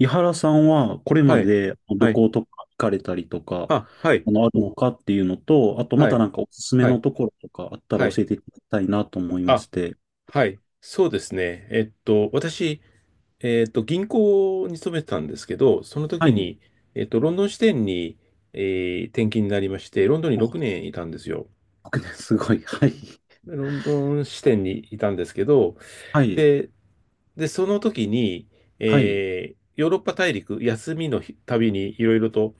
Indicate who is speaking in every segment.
Speaker 1: 井原さんはこれま
Speaker 2: はい。
Speaker 1: で旅
Speaker 2: はい。
Speaker 1: 行とか行かれたりとか、
Speaker 2: あ、はい。
Speaker 1: あるのかっていうのと、あとま
Speaker 2: は
Speaker 1: た
Speaker 2: い。
Speaker 1: なんかおすすめ
Speaker 2: は
Speaker 1: の
Speaker 2: い。
Speaker 1: ところとかあった
Speaker 2: は
Speaker 1: ら
Speaker 2: い。
Speaker 1: 教えていただきたいなと思いま
Speaker 2: あ、
Speaker 1: して。
Speaker 2: はい。そうですね。私、銀行に勤めてたんですけど、その
Speaker 1: は
Speaker 2: 時
Speaker 1: い。
Speaker 2: に、ロンドン支店に、え転勤になりまして、ロンドンに6
Speaker 1: あ、
Speaker 2: 年いたんですよ。
Speaker 1: 僕ね、すごい。はい。
Speaker 2: でロンドン支店にいたんですけど、
Speaker 1: はい。
Speaker 2: で、で、その時に、
Speaker 1: はい。
Speaker 2: ヨーロッパ大陸、休みの日旅にいろいろと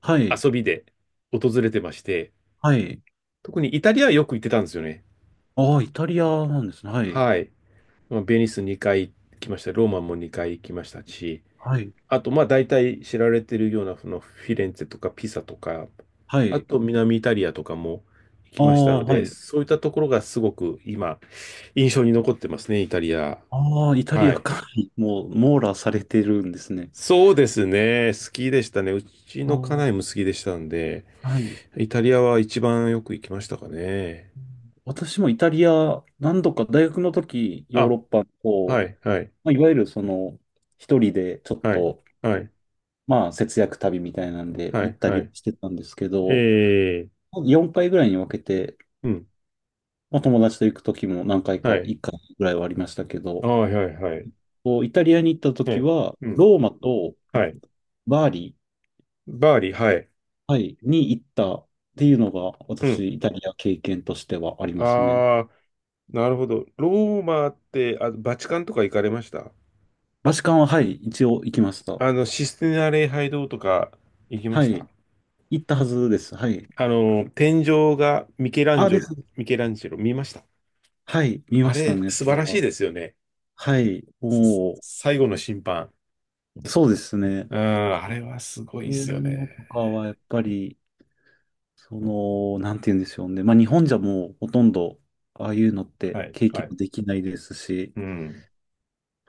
Speaker 1: はい。
Speaker 2: 遊びで訪れてまして、
Speaker 1: はい。
Speaker 2: 特にイタリアはよく行ってたんですよね。
Speaker 1: ああ、イタリアなんですね。はい。
Speaker 2: はい。まあベニス2回行きました。ローマも2回行きましたし、
Speaker 1: はい。
Speaker 2: あと、まあ大体知られてるようなそのフィレンツェとかピサとか、
Speaker 1: は
Speaker 2: あ
Speaker 1: い。
Speaker 2: と南イタリアとかも行き
Speaker 1: あ
Speaker 2: ました
Speaker 1: あ、
Speaker 2: の
Speaker 1: は
Speaker 2: で、
Speaker 1: い。
Speaker 2: そういったところがすごく今印象に残ってますね、イタリア。
Speaker 1: ああ、イタリ
Speaker 2: は
Speaker 1: ア
Speaker 2: い。
Speaker 1: か。もう、網羅されてるんですね。
Speaker 2: そうですね。好きでしたね。うち
Speaker 1: あ
Speaker 2: の家
Speaker 1: あ、
Speaker 2: 内も好きでしたんで、
Speaker 1: はい。
Speaker 2: イタリアは一番よく行きましたかね。
Speaker 1: 私もイタリア、何度か大学の時、ヨー
Speaker 2: あ、
Speaker 1: ロッパの方
Speaker 2: はい、はい、
Speaker 1: まあ、いわゆるその、一人でちょっ
Speaker 2: はい、
Speaker 1: と、
Speaker 2: はい、
Speaker 1: まあ、節約旅みたいなんで
Speaker 2: は
Speaker 1: 行っ
Speaker 2: い、
Speaker 1: た
Speaker 2: は
Speaker 1: り
Speaker 2: い。
Speaker 1: してたんですけ
Speaker 2: え
Speaker 1: ど、
Speaker 2: え、
Speaker 1: 4回ぐらいに分けて、
Speaker 2: うん、
Speaker 1: まあ、友達と行く時も何回
Speaker 2: は
Speaker 1: か、
Speaker 2: い。
Speaker 1: 1回ぐらいはありましたけ
Speaker 2: あ
Speaker 1: ど、
Speaker 2: あ、はい、はい。
Speaker 1: こうイタリアに行った
Speaker 2: え
Speaker 1: 時
Speaker 2: え、
Speaker 1: は、
Speaker 2: うん。
Speaker 1: ローマと
Speaker 2: はい。
Speaker 1: バーリ
Speaker 2: バーリー、はい。
Speaker 1: ー、はい、に行ったっていうのが、
Speaker 2: うん。
Speaker 1: 私、イタリア経験としてはありますね。
Speaker 2: ああ、なるほど。ローマって、あ、バチカンとか行かれました？
Speaker 1: バチカンは、はい、一応行きました。
Speaker 2: システィナ礼拝堂とか行きま
Speaker 1: は
Speaker 2: した？
Speaker 1: い、行ったはずです。はい。
Speaker 2: 天井が
Speaker 1: あ、です。
Speaker 2: ミケランジェロ見ました？
Speaker 1: はい、見ま
Speaker 2: あ
Speaker 1: した
Speaker 2: れ、
Speaker 1: ね、
Speaker 2: 素
Speaker 1: そ
Speaker 2: 晴
Speaker 1: れ
Speaker 2: らし
Speaker 1: は。
Speaker 2: いですよね。
Speaker 1: はい、
Speaker 2: す
Speaker 1: もう、
Speaker 2: 最後の審判。
Speaker 1: そうですね。
Speaker 2: うん、あれ
Speaker 1: そ
Speaker 2: はすごい
Speaker 1: う
Speaker 2: で
Speaker 1: いう
Speaker 2: すよね。
Speaker 1: のとかはやっぱり、その、なんて言うんでしょうね。まあ日本じゃもうほとんど、ああいうのって
Speaker 2: はい、
Speaker 1: 経
Speaker 2: は
Speaker 1: 験
Speaker 2: い。
Speaker 1: できないですし、
Speaker 2: うん。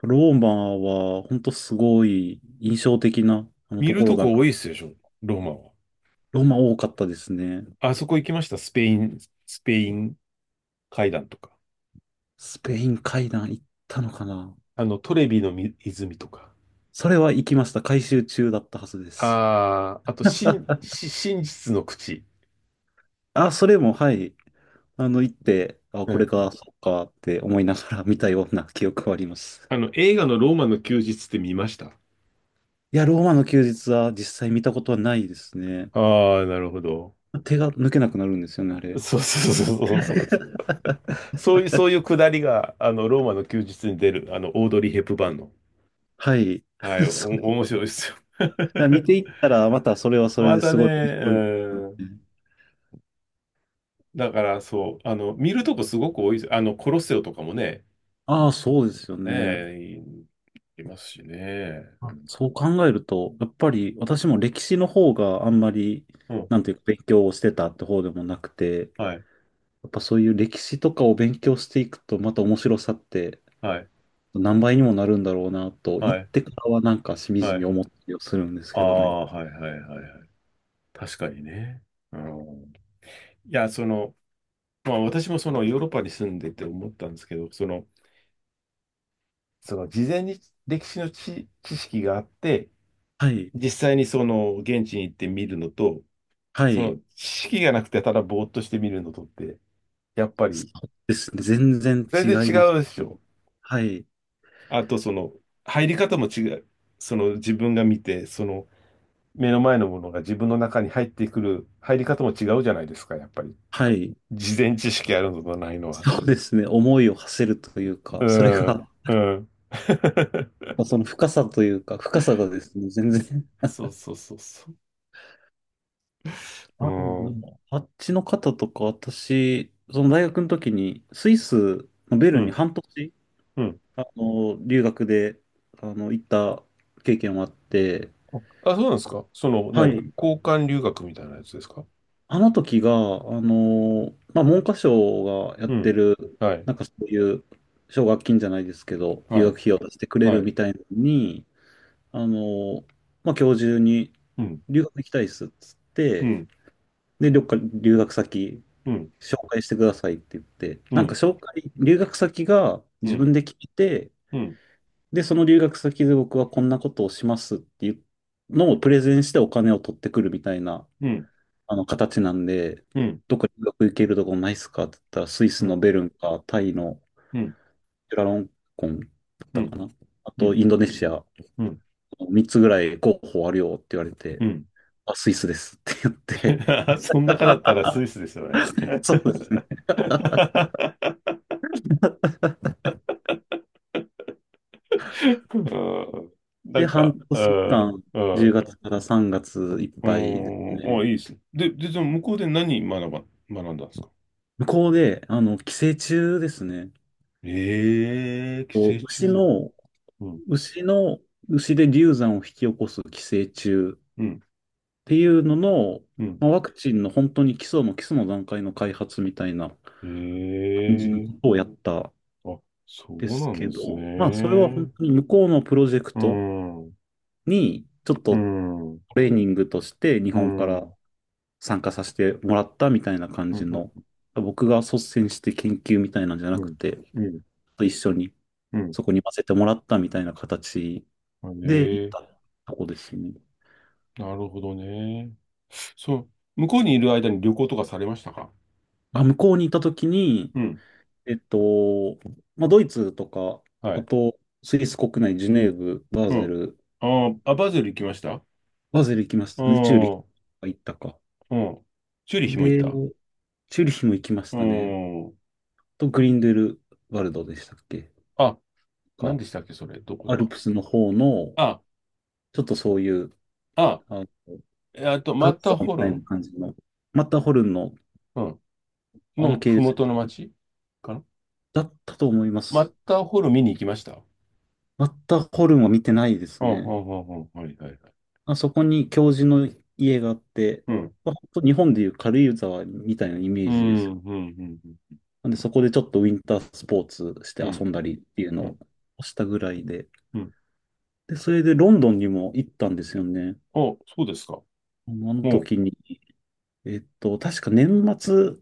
Speaker 1: ローマは本当すごい印象的なあの
Speaker 2: 見
Speaker 1: と
Speaker 2: る
Speaker 1: ころ
Speaker 2: と
Speaker 1: だな。
Speaker 2: こ多いですでしょ、ローマは。
Speaker 1: ローマ多かったですね。
Speaker 2: あそこ行きました？スペイン階段とか。
Speaker 1: スペイン階段行ったのかな。
Speaker 2: あの、トレビの泉とか。
Speaker 1: それは行きました。改修中だったはずです。
Speaker 2: ああ、あと、真、
Speaker 1: あ、
Speaker 2: し真実の口。
Speaker 1: あ、それも、はい。行って、あ、
Speaker 2: う
Speaker 1: これ
Speaker 2: ん。
Speaker 1: か、そっかって思いながら見たような記憶はあります。
Speaker 2: 映画のローマの休日って見ました？
Speaker 1: いや、ローマの休日は実際見たことはないですね。
Speaker 2: ああ、なるほど。
Speaker 1: 手が抜けなくなるんですよね、あれ。
Speaker 2: そうそうそうそうそう。そういうくだりが、ローマの休日に出る、オードリー・ヘップバーンの。
Speaker 1: はい。
Speaker 2: はい、
Speaker 1: そう。だ
Speaker 2: 面白いですよ。
Speaker 1: から見て いったら、またそれはそれ
Speaker 2: ま
Speaker 1: で
Speaker 2: た
Speaker 1: す
Speaker 2: ね、
Speaker 1: ごい面白いですよ
Speaker 2: うん。
Speaker 1: ね。
Speaker 2: だから、そう、見るとこすごく多いです。コロッセオとかもね、
Speaker 1: ああ、そうですよ
Speaker 2: ね
Speaker 1: ね。
Speaker 2: え、いいますしね。う
Speaker 1: あ
Speaker 2: ん。
Speaker 1: そう考えると、やっぱり私も歴史の方があんまり、
Speaker 2: うん、
Speaker 1: なんていうか勉強をしてたって方でもなくて、
Speaker 2: はい、
Speaker 1: やっぱそういう歴史とかを勉強していくと、また面白さって
Speaker 2: はい、
Speaker 1: 何倍にもなるんだろうなと、
Speaker 2: は
Speaker 1: 行っ
Speaker 2: い、
Speaker 1: てからはなんかしみじ
Speaker 2: は
Speaker 1: み
Speaker 2: い。
Speaker 1: 思ったりをするんです
Speaker 2: あ
Speaker 1: けどね。
Speaker 2: あ、はいはいはいはい。確かにね。うん、いや、その、まあ私もそのヨーロッパに住んでて思ったんですけど、その事前に歴史の知識があって、
Speaker 1: はい。
Speaker 2: 実際にその現地に行って見るのと、
Speaker 1: は
Speaker 2: その
Speaker 1: い。
Speaker 2: 知識がなくてただぼーっとして見るのとって、やっぱ
Speaker 1: そ
Speaker 2: り
Speaker 1: うですね。全然
Speaker 2: 全然
Speaker 1: 違
Speaker 2: 違
Speaker 1: います。
Speaker 2: うでしょ。
Speaker 1: はい。
Speaker 2: あとその入り方も違う。その自分が見て、その目の前のものが自分の中に入ってくる入り方も違うじゃないですか、やっぱり。
Speaker 1: はい。
Speaker 2: 事前知識あるのとないのは。
Speaker 1: そうですね。思いを馳せるという
Speaker 2: う
Speaker 1: か、それ
Speaker 2: ん、
Speaker 1: が、
Speaker 2: うん。
Speaker 1: その深さというか、深さがですね、全然。
Speaker 2: そうそうそうそう。
Speaker 1: あ、で
Speaker 2: うん、
Speaker 1: もあっちの方とか、私、その大学の時に、スイスのベ
Speaker 2: う
Speaker 1: ルンに
Speaker 2: ん、
Speaker 1: 半年、
Speaker 2: うん。
Speaker 1: 留学で、行った経験もあって、
Speaker 2: あ、そうなんですか？その、
Speaker 1: は
Speaker 2: 何、
Speaker 1: い。
Speaker 2: 交換留学みたいなやつですか？
Speaker 1: あの時が、まあ、文科省がやっ
Speaker 2: う
Speaker 1: て
Speaker 2: ん。
Speaker 1: る、
Speaker 2: はい、
Speaker 1: なんかそういう奨学金じゃないですけど、留
Speaker 2: は
Speaker 1: 学
Speaker 2: い、
Speaker 1: 費用を出してくれ
Speaker 2: は
Speaker 1: る
Speaker 2: い。
Speaker 1: みたいなのに、あのーまあ、今日中に
Speaker 2: うん、
Speaker 1: 留学行きたいっすっつっ
Speaker 2: う
Speaker 1: て、
Speaker 2: ん、
Speaker 1: で、どっか留学先
Speaker 2: うん、
Speaker 1: 紹介してくださいって言って、
Speaker 2: う
Speaker 1: なんか
Speaker 2: ん、
Speaker 1: 紹介、留学先が
Speaker 2: う
Speaker 1: 自
Speaker 2: ん、
Speaker 1: 分で聞いて、
Speaker 2: うん、
Speaker 1: で、その留学先で僕はこんなことをしますっていうのをプレゼンしてお金を取ってくるみたいな
Speaker 2: うん、
Speaker 1: あの形なんで、
Speaker 2: うん、
Speaker 1: どっか留学行けるとこないっすかって言ったら、スイ
Speaker 2: う
Speaker 1: ス
Speaker 2: ん、う
Speaker 1: の
Speaker 2: ん、
Speaker 1: ベルンか、タイの
Speaker 2: うん、
Speaker 1: キュラロンコンだっ
Speaker 2: う
Speaker 1: た
Speaker 2: ん、
Speaker 1: かな。あと、インドネシア、
Speaker 2: うん、
Speaker 1: 3つぐらい候補あるよって言われて、
Speaker 2: うん。
Speaker 1: あ、スイスですって言って、
Speaker 2: そん 中だった
Speaker 1: あ、
Speaker 2: らスイスですよね。
Speaker 1: そうですね。
Speaker 2: うん、な
Speaker 1: で、
Speaker 2: んか、
Speaker 1: 半
Speaker 2: う
Speaker 1: 年
Speaker 2: ん、
Speaker 1: 間、
Speaker 2: う
Speaker 1: 10
Speaker 2: ん。
Speaker 1: 月から3月いっ
Speaker 2: あ
Speaker 1: ぱいです
Speaker 2: ーあ、
Speaker 1: ね。
Speaker 2: いいですね。で、で、じゃあ向こうで何学んだんですか？
Speaker 1: 向こうで、寄生虫ですね。
Speaker 2: ええー、寄
Speaker 1: こ
Speaker 2: 生
Speaker 1: う
Speaker 2: 虫？うん、
Speaker 1: 牛の、牛で流産を引き起こす寄生虫
Speaker 2: うん、
Speaker 1: っていうのの、
Speaker 2: うん。
Speaker 1: まあ、ワクチンの本当に基礎も基礎の段階の開発みたいな
Speaker 2: え
Speaker 1: 感じのこ
Speaker 2: え
Speaker 1: とをやったん
Speaker 2: ーあ、そ
Speaker 1: で
Speaker 2: う
Speaker 1: す
Speaker 2: なん
Speaker 1: け
Speaker 2: で
Speaker 1: ど、
Speaker 2: す
Speaker 1: まあそれは本
Speaker 2: ね。
Speaker 1: 当に向こうのプロジェク
Speaker 2: う
Speaker 1: ト
Speaker 2: ん、うん、
Speaker 1: にちょっ
Speaker 2: う
Speaker 1: とト
Speaker 2: ん、
Speaker 1: レーニングとして日
Speaker 2: う
Speaker 1: 本から
Speaker 2: ん、
Speaker 1: 参加させてもらったみたいな感
Speaker 2: う
Speaker 1: じ
Speaker 2: ん、
Speaker 1: の、僕が率先して研究みたいなんじゃな
Speaker 2: う
Speaker 1: く
Speaker 2: ん、
Speaker 1: て、
Speaker 2: う
Speaker 1: 一緒にそ
Speaker 2: ん。
Speaker 1: こに混ぜてもらったみたいな形
Speaker 2: うん
Speaker 1: で行っ
Speaker 2: え
Speaker 1: たとこですね。
Speaker 2: ー、なるほどね。そう、向こうにいる間に旅行とかされましたか？
Speaker 1: まあ、向こうにいた時に、
Speaker 2: うん、
Speaker 1: えっと、まあ、ドイツとか、
Speaker 2: は
Speaker 1: あ
Speaker 2: い。
Speaker 1: と、スイス国内、ジュネーブ、バー
Speaker 2: う
Speaker 1: ゼ
Speaker 2: ん。
Speaker 1: ル、
Speaker 2: あーあ、バズル行きました？あ
Speaker 1: バーゼル行きましたね。チューリヒ
Speaker 2: あ、
Speaker 1: 行ったか。
Speaker 2: うん。チューリヒも行っ
Speaker 1: で、
Speaker 2: た？
Speaker 1: チューリヒも行きまし
Speaker 2: う
Speaker 1: たね。
Speaker 2: ん。
Speaker 1: と、グリンデルワルドでしたっけ
Speaker 2: あ、何
Speaker 1: か、
Speaker 2: でしたっけ、それ。どこだ
Speaker 1: アル
Speaker 2: か。
Speaker 1: プスの方の、
Speaker 2: あ、
Speaker 1: ちょっとそういう、
Speaker 2: あ、
Speaker 1: あの、
Speaker 2: マ
Speaker 1: 軽
Speaker 2: ッ
Speaker 1: 井
Speaker 2: ター
Speaker 1: 沢み
Speaker 2: ホル
Speaker 1: たいな
Speaker 2: ン、
Speaker 1: 感じの、マッターホルンの、
Speaker 2: うん、
Speaker 1: あ
Speaker 2: の
Speaker 1: の系
Speaker 2: ふも
Speaker 1: 列
Speaker 2: との町かな。
Speaker 1: だったと思いま
Speaker 2: マッ
Speaker 1: す。
Speaker 2: ターホルン見に行きました。
Speaker 1: マッターホルンは見てないです
Speaker 2: うん、う
Speaker 1: ね。
Speaker 2: ん、うん、うん、はい、はい、はい。
Speaker 1: あそこに教授の家があって、
Speaker 2: うん、
Speaker 1: まあ、本当日本でいう軽井沢みたいなイメ
Speaker 2: う
Speaker 1: ージで
Speaker 2: ん、
Speaker 1: す。
Speaker 2: うん、うん、
Speaker 1: なんで、そこでちょっとウィンタースポーツして
Speaker 2: う
Speaker 1: 遊
Speaker 2: ん、
Speaker 1: んだりっていう
Speaker 2: う
Speaker 1: の
Speaker 2: ん、
Speaker 1: をしたぐらいで。
Speaker 2: うん。
Speaker 1: で、それでロンドンにも行ったんですよね。
Speaker 2: お、そうですか。
Speaker 1: あの
Speaker 2: おう、
Speaker 1: 時に、確か年末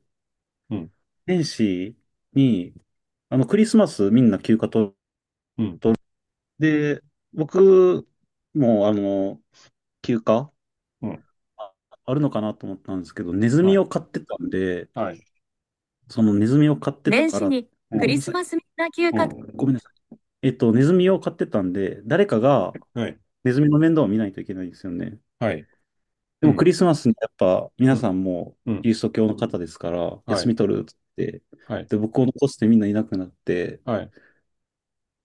Speaker 2: うん、
Speaker 1: 年始に、クリスマスみんな休暇と、
Speaker 2: うん、
Speaker 1: で、僕も、休暇
Speaker 2: うん、
Speaker 1: ああるのかなと思ったんですけど、ネズ
Speaker 2: は
Speaker 1: ミ
Speaker 2: い、
Speaker 1: を飼ってたんで、
Speaker 2: はい、
Speaker 1: そのネズミを飼ってた年か始ら、にク
Speaker 2: う
Speaker 1: ごめんリ
Speaker 2: ん、
Speaker 1: なスさい。マスみんな休
Speaker 2: う
Speaker 1: 暇と、ごめ
Speaker 2: ん、
Speaker 1: んなさい。ネズミを飼ってたんで、誰かが
Speaker 2: はい、
Speaker 1: ネズミの面倒を見ないといけないんですよね。
Speaker 2: はい、
Speaker 1: で
Speaker 2: う
Speaker 1: もク
Speaker 2: ん、
Speaker 1: リスマスにやっぱ
Speaker 2: う
Speaker 1: 皆
Speaker 2: ん、
Speaker 1: さんも
Speaker 2: う
Speaker 1: キ
Speaker 2: ん、
Speaker 1: リスト教の方ですから、
Speaker 2: は
Speaker 1: 休
Speaker 2: い、
Speaker 1: み取るって言って、
Speaker 2: はい、
Speaker 1: で、僕を残してみんないなくなって、
Speaker 2: はい、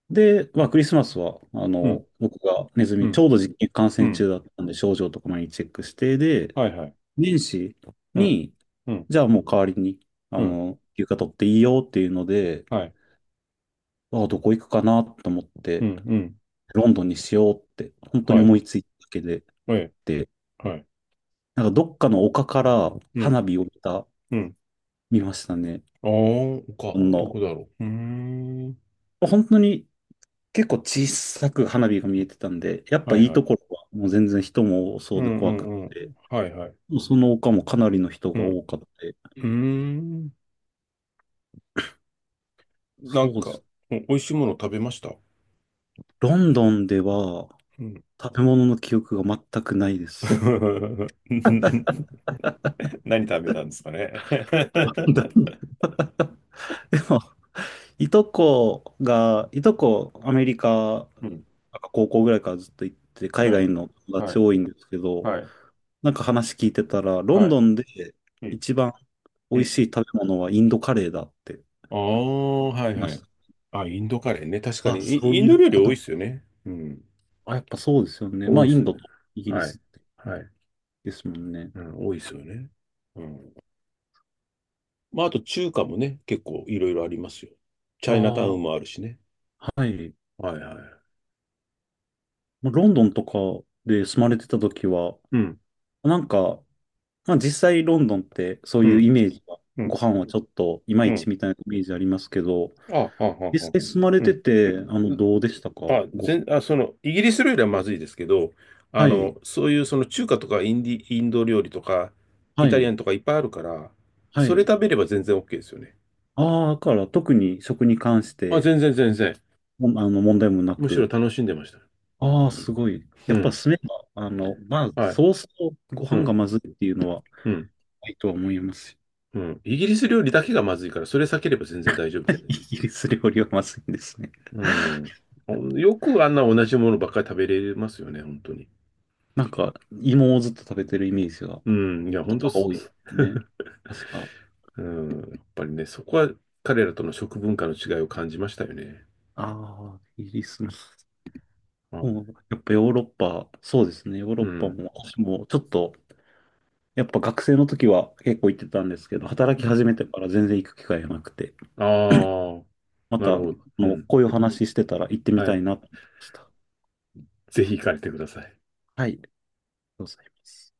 Speaker 1: で、まあクリスマスは、
Speaker 2: うん、
Speaker 1: 僕がネズ
Speaker 2: う
Speaker 1: ミ、ち
Speaker 2: ん、
Speaker 1: ょうど実験感
Speaker 2: う
Speaker 1: 染中
Speaker 2: ん、
Speaker 1: だったんで、症状とか毎日チェックして、で、
Speaker 2: はい、はい、
Speaker 1: 年始
Speaker 2: うん、
Speaker 1: に、
Speaker 2: うん、
Speaker 1: じゃあもう代わりに、
Speaker 2: うん、
Speaker 1: 休暇取っていいよっていうので、
Speaker 2: はい、
Speaker 1: ああ、どこ行くかなと思っ
Speaker 2: うん、
Speaker 1: て、
Speaker 2: うん、
Speaker 1: ロンドンにしようって、本当に
Speaker 2: はい、
Speaker 1: 思いついただけで、
Speaker 2: はい、
Speaker 1: で、
Speaker 2: はい。
Speaker 1: なんかどっかの丘から
Speaker 2: うん、
Speaker 1: 花火を
Speaker 2: うん。
Speaker 1: 見ましたね。
Speaker 2: ああ、丘、
Speaker 1: ほん
Speaker 2: ど
Speaker 1: の、
Speaker 2: こだろう。うーん。
Speaker 1: 本当に結構小さく花火が見えてたんで、やっ
Speaker 2: は
Speaker 1: ぱ
Speaker 2: い
Speaker 1: いい
Speaker 2: は
Speaker 1: と
Speaker 2: い。
Speaker 1: ころはもう全然人も多そ
Speaker 2: う
Speaker 1: うで
Speaker 2: んう
Speaker 1: 怖く
Speaker 2: んう
Speaker 1: て、
Speaker 2: ん。はいはい。
Speaker 1: その丘もかなりの人
Speaker 2: う
Speaker 1: が
Speaker 2: ん。
Speaker 1: 多かった。
Speaker 2: うーん。な
Speaker 1: そ
Speaker 2: ん
Speaker 1: うで
Speaker 2: か、
Speaker 1: す。
Speaker 2: お美味しいもの食べました？
Speaker 1: ロンドンでは
Speaker 2: うん。
Speaker 1: 食べ物の記憶が全くないです。
Speaker 2: な何食べたんですかね。
Speaker 1: でも、いとこ、アメリカ、
Speaker 2: うん。
Speaker 1: なんか高校ぐらいからずっと行って、海
Speaker 2: は
Speaker 1: 外
Speaker 2: い。
Speaker 1: の友
Speaker 2: は
Speaker 1: 達
Speaker 2: い。
Speaker 1: 多いんですけど、
Speaker 2: はい。
Speaker 1: なんか話聞いてたら、ロン
Speaker 2: はい。
Speaker 1: ドンで
Speaker 2: うん。
Speaker 1: 一番美
Speaker 2: う
Speaker 1: 味
Speaker 2: ん。
Speaker 1: しい食べ物はインドカレーだって言
Speaker 2: ああ、はい
Speaker 1: いま
Speaker 2: は
Speaker 1: し
Speaker 2: い。
Speaker 1: た。
Speaker 2: あ、インドカレーね。確かに、
Speaker 1: あ、そう
Speaker 2: イイン
Speaker 1: い
Speaker 2: ド
Speaker 1: う
Speaker 2: 料理
Speaker 1: こ
Speaker 2: 多いっ
Speaker 1: と。
Speaker 2: すよね。うん。
Speaker 1: あ、やっぱそうですよね。
Speaker 2: 多
Speaker 1: まあ、
Speaker 2: いっ
Speaker 1: イ
Speaker 2: す
Speaker 1: ン
Speaker 2: ね。
Speaker 1: ドとイギリ
Speaker 2: はい。
Speaker 1: ス
Speaker 2: はい。
Speaker 1: ですもんね。
Speaker 2: うん、多いっすよね。うん。まあ、あと中華もね、結構いろいろありますよ。チ
Speaker 1: あ
Speaker 2: ャイナタウン
Speaker 1: あ、
Speaker 2: もあるしね。
Speaker 1: はい。
Speaker 2: はいはい。
Speaker 1: もうロンドンとかで住まれてた時は、
Speaker 2: うん、
Speaker 1: なんか、まあ実際ロンドンってそう
Speaker 2: う
Speaker 1: いう
Speaker 2: ん、
Speaker 1: イメージは、
Speaker 2: う
Speaker 1: ご
Speaker 2: ん、
Speaker 1: 飯はちょっといま
Speaker 2: う
Speaker 1: いち
Speaker 2: ん。
Speaker 1: みたいなイメージありますけど、
Speaker 2: あ、はあ、
Speaker 1: 実
Speaker 2: はあ、
Speaker 1: 際住まれ
Speaker 2: う
Speaker 1: て
Speaker 2: ん。
Speaker 1: て、どうでしたか
Speaker 2: あ、
Speaker 1: ご飯。
Speaker 2: その、イギリス料理はまずいですけど、あ
Speaker 1: はい、
Speaker 2: の、そういうその中華とかインド料理とか、
Speaker 1: は
Speaker 2: イタリア
Speaker 1: い、
Speaker 2: ンとかいっぱいあるから、
Speaker 1: は
Speaker 2: それ
Speaker 1: い。
Speaker 2: 食べれば全然 OK ですよね。
Speaker 1: ああ、だから特に食に関し
Speaker 2: あ、
Speaker 1: て、
Speaker 2: 全然全然。
Speaker 1: も問題もな
Speaker 2: むしろ
Speaker 1: く。
Speaker 2: 楽しんでました。
Speaker 1: ああ、すごい。や
Speaker 2: う
Speaker 1: っぱ
Speaker 2: ん。
Speaker 1: 住めば、まあ、
Speaker 2: はい。
Speaker 1: そうそうご
Speaker 2: う
Speaker 1: 飯が
Speaker 2: ん。
Speaker 1: まずいっていうのは
Speaker 2: うん。
Speaker 1: ないとは思いますし。
Speaker 2: うん。イギリス料理だけがまずいから、それ避ければ全然大丈夫。
Speaker 1: イギリス料理はまずいんですね。
Speaker 2: う ん。よくあんな同じものばっかり食べれますよね、本当に。
Speaker 1: なんか、芋をずっと食べてるイメージが。
Speaker 2: うん。いや、
Speaker 1: こ
Speaker 2: 本
Speaker 1: と
Speaker 2: 当
Speaker 1: が
Speaker 2: す、
Speaker 1: 多いですよね。確か。
Speaker 2: うん。やっぱりね、そこは彼らとの食文化の違いを感じましたよね。
Speaker 1: ああ、イギリスの。
Speaker 2: は
Speaker 1: も
Speaker 2: い。
Speaker 1: う、やっぱヨーロッパ、そうですね。ヨーロ
Speaker 2: う
Speaker 1: ッパ
Speaker 2: ん。
Speaker 1: も、私もちょっと、やっぱ学生の時は結構行ってたんですけど、働き始めてから全然行く機会がなくて、
Speaker 2: ああー、
Speaker 1: ま
Speaker 2: な
Speaker 1: た、
Speaker 2: るほど。うん。
Speaker 1: こういう話してたら行ってみ
Speaker 2: は
Speaker 1: たい
Speaker 2: い。
Speaker 1: なと思いました。
Speaker 2: ぜひ行かれてください。
Speaker 1: はい、ありがとうございます。